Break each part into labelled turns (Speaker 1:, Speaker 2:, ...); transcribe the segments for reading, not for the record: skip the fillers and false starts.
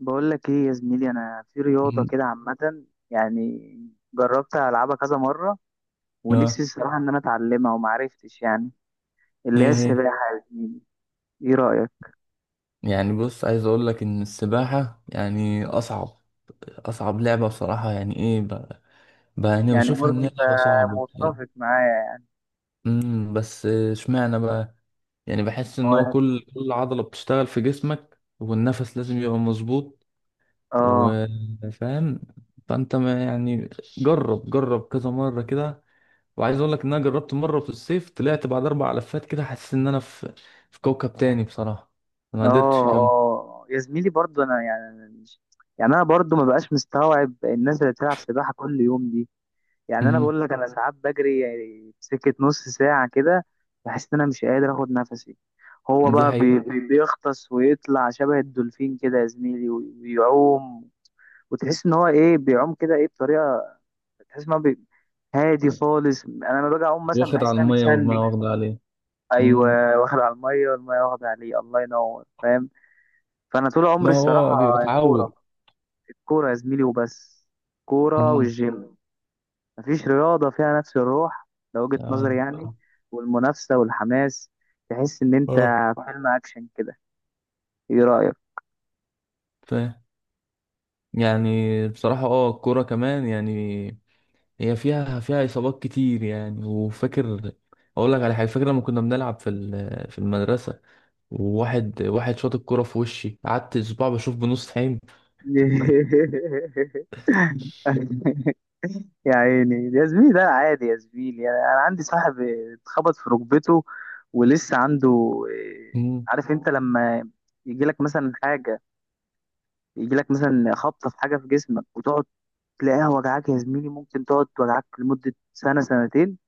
Speaker 1: بقول لك ايه يا زميلي، انا في رياضه
Speaker 2: مم.
Speaker 1: كده عامه، يعني جربت العبها كذا مره،
Speaker 2: اه.
Speaker 1: ونفسي الصراحه ان انا اتعلمها وما عرفتش يعني، اللي هي
Speaker 2: ايه هي؟
Speaker 1: السباحه يا زميلي. ايه رايك؟
Speaker 2: يعني بص، عايز اقول لك ان السباحة يعني اصعب اصعب لعبة بصراحة. يعني ايه بقى؟ بقى انا
Speaker 1: يعني
Speaker 2: بشوفها
Speaker 1: برضه
Speaker 2: ان هي
Speaker 1: انت
Speaker 2: لعبة صعبة بصراحة.
Speaker 1: متفق معايا يعني؟
Speaker 2: بس اشمعنى بقى؟ يعني بحس
Speaker 1: ما
Speaker 2: ان هو
Speaker 1: هو
Speaker 2: كل عضلة بتشتغل في جسمك، والنفس لازم يبقى مظبوط،
Speaker 1: اه
Speaker 2: وفاهم. فانت ما يعني، جرب جرب كذا مرة كده. وعايز اقول لك ان انا جربت مرة في الصيف، طلعت بعد 4 لفات كده، حسيت ان انا في كوكب تاني بصراحة، ما
Speaker 1: اه
Speaker 2: قدرتش اكمل.
Speaker 1: اه يا زميلي، برضه انا يعني انا برضه ما بقاش مستوعب الناس اللي بتلعب سباحه كل يوم دي. يعني انا بقول لك انا ساعات بجري يعني سكه نص ساعه كده، بحس ان انا مش قادر اخد نفسي. هو
Speaker 2: دي
Speaker 1: بقى
Speaker 2: حقيقة،
Speaker 1: بيغطس ويطلع شبه الدولفين كده يا زميلي، ويعوم. وتحس ان هو ايه، بيعوم كده ايه بطريقه، تحس ان هو هادي خالص. انا لما باجي اعوم مثلا
Speaker 2: واخد
Speaker 1: بحس
Speaker 2: على
Speaker 1: ان انا
Speaker 2: المية
Speaker 1: متشنج.
Speaker 2: والمية واخدة عليه. مم.
Speaker 1: ايوه، واخد على الميه والميه واخده عليه، الله ينور، فاهم. فانا طول
Speaker 2: ما
Speaker 1: عمري
Speaker 2: هو بيبقى
Speaker 1: الصراحه
Speaker 2: تعود.
Speaker 1: الكوره، الكوره يا زميلي وبس، كوره
Speaker 2: مم.
Speaker 1: والجيم. مفيش رياضة فيها نفس الروح، ده وجهة نظري
Speaker 2: آه.
Speaker 1: يعني، والمنافسة والحماس، تحس إن أنت
Speaker 2: اه.
Speaker 1: في فيلم أكشن كده. إيه رأيك؟
Speaker 2: ف... يعني بصراحة اه، الكورة كمان يعني هي فيها فيها إصابات كتير يعني. وفاكر، أقول لك على حاجة، فاكر لما كنا بنلعب في في المدرسة، وواحد واحد شاط الكورة في وشي، قعدت أسبوع بشوف بنص عين.
Speaker 1: يا عيني يا زميلي، ده عادي يا زميلي. يعني أنا عندي صاحب اتخبط في ركبته ولسه عنده. إيه،
Speaker 2: مم.
Speaker 1: عارف أنت لما يجيلك مثلا حاجة، يجيلك مثلا خبطة في حاجة في جسمك، وتقعد تلاقيها وجعاك يا زميلي، ممكن تقعد توجعك لمدة سنة سنتين.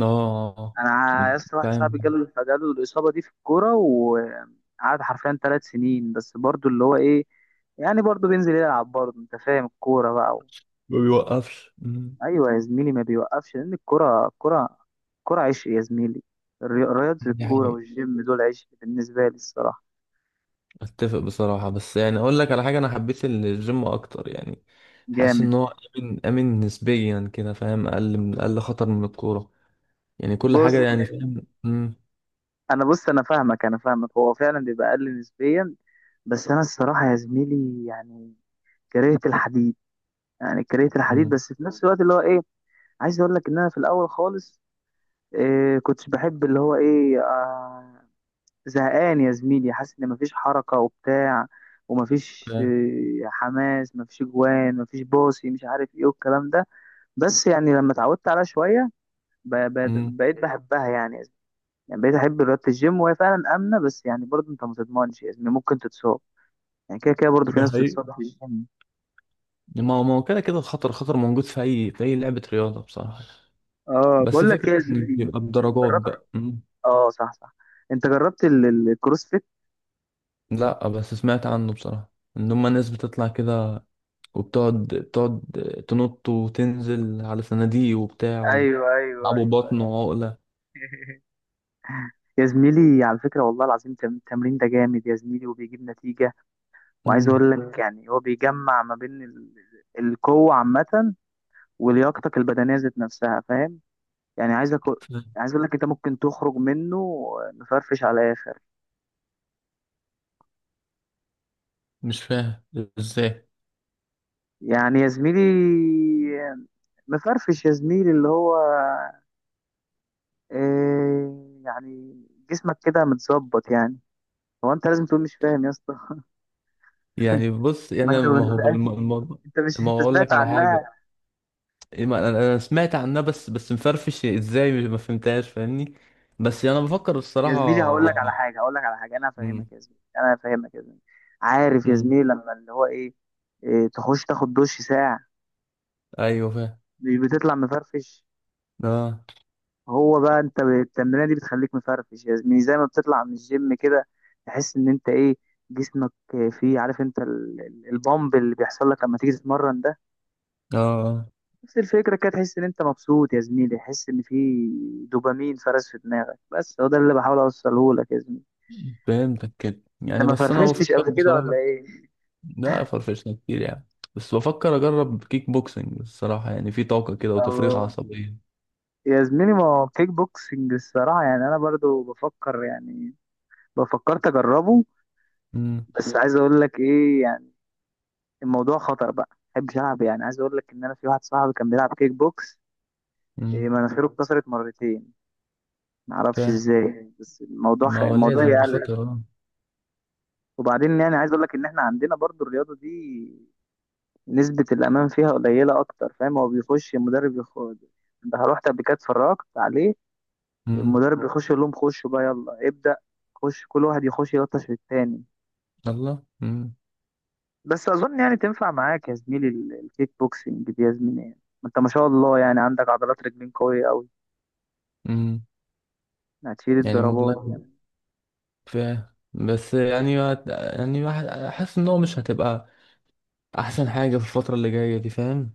Speaker 2: اه.
Speaker 1: انا لسه واحد صاحبي
Speaker 2: فاهم.
Speaker 1: جاله الاصابه دي في الكوره، وقعد حرفيا 3 سنين بس، برضو اللي هو ايه، يعني برضو بينزل يلعب، برضو انت فاهم، الكوره بقى و...
Speaker 2: ما بيوقفش. مم.
Speaker 1: ايوه يا زميلي، ما بيوقفش، لان الكوره عشق يا زميلي. رياضه الكوره
Speaker 2: يعني
Speaker 1: والجيم دول عشق بالنسبه لي الصراحه.
Speaker 2: اتفق بصراحة. بس يعني اقول لك على حاجة، انا حبيت الجيم اكتر يعني، حاسس
Speaker 1: جامد.
Speaker 2: ان هو امن امن نسبيا كده، فاهم؟ اقل من اقل خطر من الكورة، يعني كل
Speaker 1: بص،
Speaker 2: حاجة يعني، فاهم؟
Speaker 1: انا بص، انا فاهمك، هو فعلا بيبقى اقل نسبيا. بس انا الصراحه يا زميلي يعني كرهت الحديد، يعني كرهت الحديد،
Speaker 2: امم
Speaker 1: بس في نفس الوقت اللي هو ايه، عايز اقول لك ان انا في الاول خالص إيه، كنتش بحب اللي هو ايه آه، زهقان يا زميلي، حاسس ان مفيش حركه وبتاع، ومفيش
Speaker 2: فاهم.
Speaker 1: إيه حماس، مفيش جوان، مفيش باصي، مش عارف ايه والكلام ده. بس يعني لما اتعودت عليها شويه،
Speaker 2: امم
Speaker 1: بقيت بحبها يعني يا زميلي. يعني بقيت احب رياضه الجيم، وهي فعلا امنه، بس يعني برضه انت ما تضمنش يا زميلي، ممكن تتصاب، يعني كده كده برضه في
Speaker 2: ده
Speaker 1: ناس
Speaker 2: حقيقي.
Speaker 1: بتتصاب في الجيم.
Speaker 2: ما هو ما هو كده كده، الخطر خطر موجود في اي لعبة رياضة بصراحة.
Speaker 1: اه،
Speaker 2: بس
Speaker 1: بقول لك
Speaker 2: فكرة
Speaker 1: ايه يا
Speaker 2: ان
Speaker 1: زميلي،
Speaker 2: بيبقى بدرجات
Speaker 1: جربت؟
Speaker 2: بقى. مم.
Speaker 1: اه صح صح، انت جربت الكروسفيت؟
Speaker 2: لا بس سمعت عنه بصراحة، ان هما ناس بتطلع كده، وبتقعد بتقعد تنط وتنزل على صناديق وبتاع،
Speaker 1: ايوه
Speaker 2: ويلعبوا
Speaker 1: ايوه ايوه
Speaker 2: بطن
Speaker 1: أيوة.
Speaker 2: وعقلة.
Speaker 1: يا زميلي على فكرة، والله العظيم التمرين ده جامد يا زميلي، وبيجيب نتيجة. وعايز
Speaker 2: مم.
Speaker 1: اقول لك يعني هو بيجمع ما بين القوة عامة ولياقتك البدنية ذات نفسها، فاهم. يعني عايز اقول لك انت ممكن تخرج منه مفرفش على الاخر.
Speaker 2: مش فاهم ازاي.
Speaker 1: يعني يا زميلي، مفرفش يا زميلي اللي هو إيه يعني، جسمك كده متظبط يعني. هو انت لازم تقول مش فاهم يا اسطى؟
Speaker 2: يعني بص،
Speaker 1: ما
Speaker 2: يعني أنا-
Speaker 1: انت
Speaker 2: ما هو
Speaker 1: ما
Speaker 2: بقول- الم-
Speaker 1: انت،
Speaker 2: الموضوع.
Speaker 1: انت، مش
Speaker 2: ما هو
Speaker 1: انت
Speaker 2: اقول
Speaker 1: سمعت
Speaker 2: لك على
Speaker 1: عنها؟
Speaker 2: حاجه. إيه، ما انا سمعت عنها. بس مفرفش ازاي، ما فهمتهاش، فاهمني؟ بس يعني انا بفكر
Speaker 1: يا زميلي
Speaker 2: الصراحه
Speaker 1: هقول لك على
Speaker 2: يعني.
Speaker 1: حاجه، هقول لك على حاجه، انا
Speaker 2: مم.
Speaker 1: هفهمك يا زميلي، انا هفهمك يا زميلي. عارف يا
Speaker 2: مم.
Speaker 1: زميلي لما اللي هو ايه، إيه، تخش تاخد دش ساعه،
Speaker 2: ايوه فاهم.
Speaker 1: مش بتطلع مفرفش؟
Speaker 2: اه.
Speaker 1: هو بقى انت التمرينه دي بتخليك مفرفش يا زميلي، زي ما بتطلع من الجيم كده، تحس ان انت ايه، جسمك فيه، عارف انت البامب اللي بيحصل لك لما تيجي تتمرن ده،
Speaker 2: اه. آه.
Speaker 1: نفس الفكره كده، تحس ان انت مبسوط يا زميلي، تحس ان في دوبامين فرز في دماغك، بس هو ده اللي بحاول اوصله لك يا زميلي.
Speaker 2: فهمتك كده
Speaker 1: انت
Speaker 2: يعني.
Speaker 1: ما
Speaker 2: بس انا
Speaker 1: فرفشتش
Speaker 2: بفكر
Speaker 1: قبل كده ولا
Speaker 2: بصراحه،
Speaker 1: ايه؟
Speaker 2: لا فرفشنا كتير يعني. بس بفكر اجرب كيك بوكسنج الصراحه، يعني في طاقه كده وتفريغ
Speaker 1: الله،
Speaker 2: عصبيه.
Speaker 1: يا زميلي ما هو كيك بوكسنج، الصراحة يعني أنا برضو بفكر يعني، بفكرت أجربه،
Speaker 2: امم
Speaker 1: بس عايز أقول لك إيه يعني، الموضوع خطر بقى، محبش ألعب. يعني عايز أقول لك إن أنا في واحد صاحبي كان بيلعب كيك بوكس، إيه،
Speaker 2: امم
Speaker 1: مناخيره اتكسرت مرتين، معرفش
Speaker 2: فاهم.
Speaker 1: إزاي، بس الموضوع
Speaker 2: ما هو
Speaker 1: الموضوع
Speaker 2: لازم، دي
Speaker 1: يقلق.
Speaker 2: خطر.
Speaker 1: وبعدين يعني عايز أقول لك إن إحنا عندنا برضو الرياضة دي، نسبة الأمان فيها قليلة أكتر، فاهم، هو بيخش المدرب يخش، أنت رحت قبل كده اتفرجت عليه؟
Speaker 2: اه.
Speaker 1: المدرب بيخش يقول لهم خشوا بقى، يلا ابدأ، خش كل واحد يخش يلطش في التاني.
Speaker 2: الله.
Speaker 1: بس اظن يعني تنفع معاك يا زميلي الكيك بوكسنج دي يا زميلي، يعني ما انت ما شاء الله يعني عندك عضلات رجلين قوية قوي،
Speaker 2: امم
Speaker 1: هتشيل
Speaker 2: يعني
Speaker 1: الضربات
Speaker 2: والله
Speaker 1: يعني.
Speaker 2: فاهم. بس يعني حاسس ان هو مش هتبقى احسن حاجه في الفتره اللي جايه دي، فاهم؟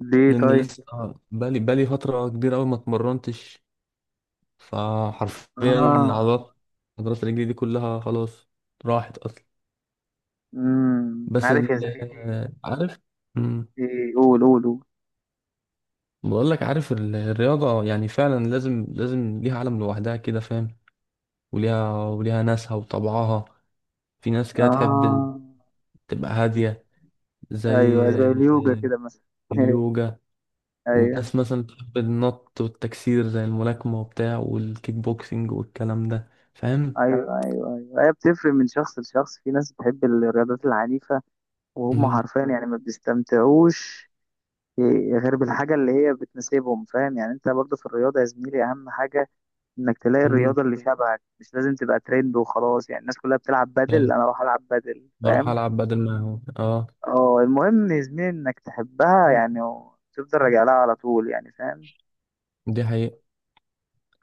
Speaker 1: ليه
Speaker 2: لان
Speaker 1: طيب؟
Speaker 2: لسه بقالي بقالي فتره كبيره قوي ما اتمرنتش، فحرفيا
Speaker 1: اه،
Speaker 2: العضلات، عضلات رجلي دي كلها خلاص راحت اصلا.
Speaker 1: امم،
Speaker 2: بس
Speaker 1: عارف يا زميلي،
Speaker 2: عارف. امم
Speaker 1: إيه، قول قول قول.
Speaker 2: بقول لك، عارف الرياضه يعني فعلا لازم لازم ليها عالم لوحدها كده، فاهم؟ وليها وليها ناسها وطبعها. في ناس كده تحب
Speaker 1: اه،
Speaker 2: تبقى هاديه، زي
Speaker 1: ايوه زي اليوجا كده مثلا.
Speaker 2: اليوجا.
Speaker 1: ايوه
Speaker 2: وناس مثلا بتحب النط والتكسير، زي الملاكمة وبتاع والكيك بوكسينج والكلام ده، فاهم؟
Speaker 1: ايوه ايوه ايوه، هي بتفرق من شخص لشخص، في ناس بتحب الرياضات العنيفة، وهم
Speaker 2: مم.
Speaker 1: حرفيا يعني ما بيستمتعوش غير بالحاجة اللي هي بتناسبهم، فاهم. يعني انت برضه في الرياضة يا زميلي اهم حاجة انك تلاقي
Speaker 2: مم.
Speaker 1: الرياضة اللي شبهك، مش لازم تبقى ترند وخلاص، يعني الناس كلها بتلعب بادل
Speaker 2: يعني
Speaker 1: انا اروح العب بادل،
Speaker 2: بروح
Speaker 1: فاهم.
Speaker 2: ألعب بدل، ما هو اه.
Speaker 1: اه، المهم يا زميلي انك تحبها يعني، وتفضل راجع لها على طول يعني، فاهم.
Speaker 2: دي حقيقة.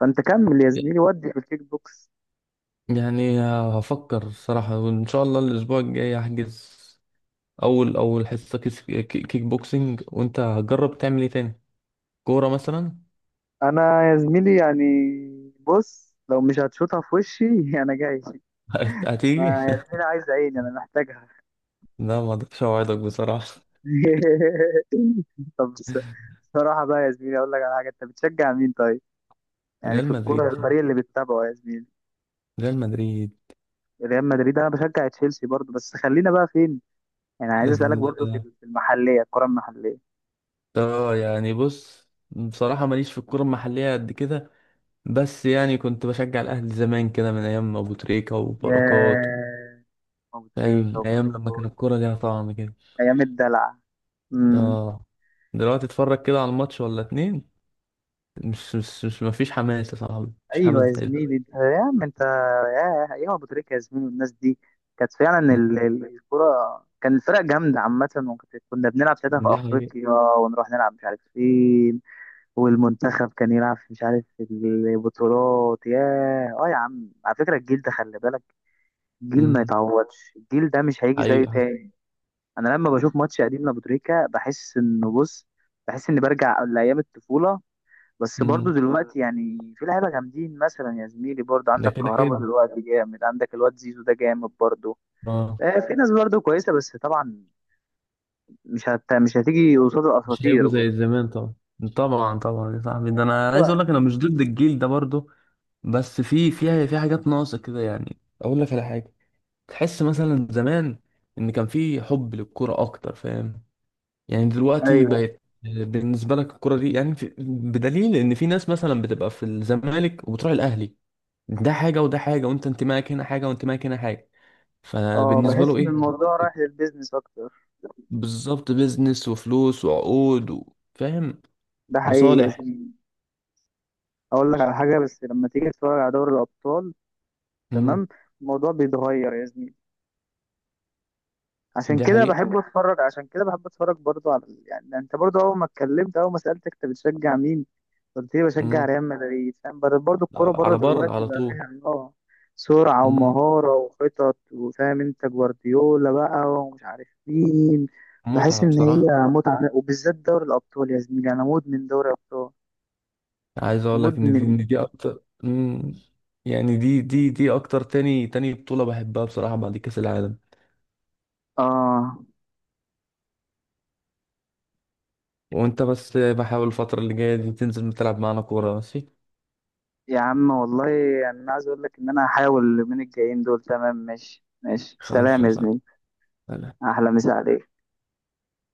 Speaker 1: فانت كمل يا زميلي ودي في الكيك بوكس.
Speaker 2: يعني هفكر الصراحة، وإن شاء الله الأسبوع الجاي هحجز أول حصة كيك بوكسينج. وأنت هتجرب تعمل إيه تاني؟ كورة مثلا؟
Speaker 1: انا يا زميلي يعني بص، لو مش هتشوطها في وشي انا جاي.
Speaker 2: هتيجي؟
Speaker 1: انا يا زميلي عايز، عيني انا محتاجها.
Speaker 2: لا ما أقدرش أوعدك بصراحة.
Speaker 1: طب بصراحة بقى يا زميلي، أقول لك على حاجة، أنت بتشجع مين طيب؟ يعني
Speaker 2: ريال
Speaker 1: في الكورة،
Speaker 2: مدريد.
Speaker 1: الفريق اللي بتتابعه يا زميلي؟
Speaker 2: ريال
Speaker 1: ريال مدريد. أنا بشجع تشيلسي برضه، بس خلينا بقى فين؟ يعني عايز أسألك برضه في
Speaker 2: مدريد.
Speaker 1: في المحلية، الكورة المحلية.
Speaker 2: اه يعني بص، بصراحة ماليش في الكورة المحلية قد كده. بس يعني كنت بشجع الأهلي زمان كده، من أيام أبو تريكة وبركات و...
Speaker 1: ياه، أبو تريكة
Speaker 2: فاهم،
Speaker 1: أبو
Speaker 2: أيام لما كان
Speaker 1: تريكة.
Speaker 2: الكورة ليها طعم كده.
Speaker 1: أيام الدلع. امم.
Speaker 2: اه. دلوقتي اتفرج كده على الماتش ولا اتنين، مش مفيش حماس يا صاحبي، مفيش حماس
Speaker 1: أيوه يا
Speaker 2: زي ده.
Speaker 1: زميلي، أنت يا عم، أنت، ياه أيام أبو تريكة يا زميلي، والناس دي كانت فعلا
Speaker 2: أمم،
Speaker 1: الكورة، كان الفرق جامدة عامة، وكنا بنلعب ساعتها في
Speaker 2: دي حقيقة.
Speaker 1: أفريقيا، ونروح نلعب مش عارف فين، والمنتخب كان يلعب في، مش عارف في البطولات. ياه، اه يا عم، على فكرة الجيل ده خلي بالك، جيل ما
Speaker 2: أمم،
Speaker 1: يتعوضش، الجيل ده مش هيجي زيه
Speaker 2: حقيقة حصل.
Speaker 1: تاني. انا لما بشوف ماتش قديم لابوتريكا بحس انه بص، بحس اني برجع لايام الطفولة. بس برضو
Speaker 2: أمم،
Speaker 1: دلوقتي يعني في لعيبة جامدين مثلا يا زميلي، برضو
Speaker 2: ده
Speaker 1: عندك
Speaker 2: كده
Speaker 1: كهربا
Speaker 2: كده.
Speaker 1: دلوقتي جامد، عندك الواد زيزو ده جامد برضو.
Speaker 2: اه.
Speaker 1: آه، في ناس برضو كويسة، بس طبعا مش هتيجي قصاد
Speaker 2: مش هيبقوا
Speaker 1: الاساطير
Speaker 2: زي
Speaker 1: برضو.
Speaker 2: زمان طبعا. طبعا طبعا يا صاحبي، ده أنا عايز أقول لك أنا مش ضد الجيل ده برضه. بس في حاجات ناقصة كده يعني. أقول لك على حاجة، تحس مثلا زمان إن كان في حب للكرة أكتر، فاهم؟ يعني دلوقتي
Speaker 1: ايوه،
Speaker 2: بقت بالنسبة لك الكرة دي يعني في، بدليل إن في ناس مثلا بتبقى في الزمالك وبتروح الأهلي، ده حاجة وده حاجة، وأنت انتمائك هنا حاجة وانتمائك هنا حاجة،
Speaker 1: اه،
Speaker 2: فبالنسبة له
Speaker 1: بحس ان
Speaker 2: إيه؟
Speaker 1: الموضوع رايح للبيزنس اكتر.
Speaker 2: بالظبط، بيزنس وفلوس وعقود و... فاهم.
Speaker 1: ده حقيقي يا
Speaker 2: مصالح.
Speaker 1: زميلي. اقول لك على حاجه، بس لما تيجي تتفرج على دوري الابطال،
Speaker 2: امم
Speaker 1: تمام، الموضوع بيتغير يا زميلي. عشان
Speaker 2: دي
Speaker 1: كده
Speaker 2: حقيقة.
Speaker 1: بحب اتفرج، برضو على يعني انت برضو اول ما اتكلمت، اول ما سالتك انت بتشجع مين، قلت لي بشجع
Speaker 2: امم
Speaker 1: ريال مدريد، فاهم. برضو الكوره بره
Speaker 2: على بر،
Speaker 1: دلوقتي
Speaker 2: على
Speaker 1: بقى
Speaker 2: طول.
Speaker 1: فيها اه، سرعه
Speaker 2: امم
Speaker 1: ومهاره وخطط، وفاهم انت، جوارديولا بقى ومش عارف مين. بحس
Speaker 2: متعة
Speaker 1: ان
Speaker 2: بصراحة.
Speaker 1: هي متعه، وبالذات دوري الابطال يا زميلي، انا مدمن دوري ابطال.
Speaker 2: عايز اقول لك ان
Speaker 1: مدمن.
Speaker 2: دي اكتر. مم. يعني دي اكتر، تاني تاني بطولة بحبها بصراحة بعد كأس العالم.
Speaker 1: اه
Speaker 2: وانت بس بحاول الفترة اللي جاية دي تنزل تلعب معانا كورة، ماشي؟
Speaker 1: يا عم والله. يعني انا عايز اقول لك ان انا هحاول اليومين الجايين دول، تمام؟ ماشي، ماشي،
Speaker 2: خلاص
Speaker 1: سلام
Speaker 2: يا
Speaker 1: يا
Speaker 2: صاحبي.
Speaker 1: زميلي. احلى مسا عليك.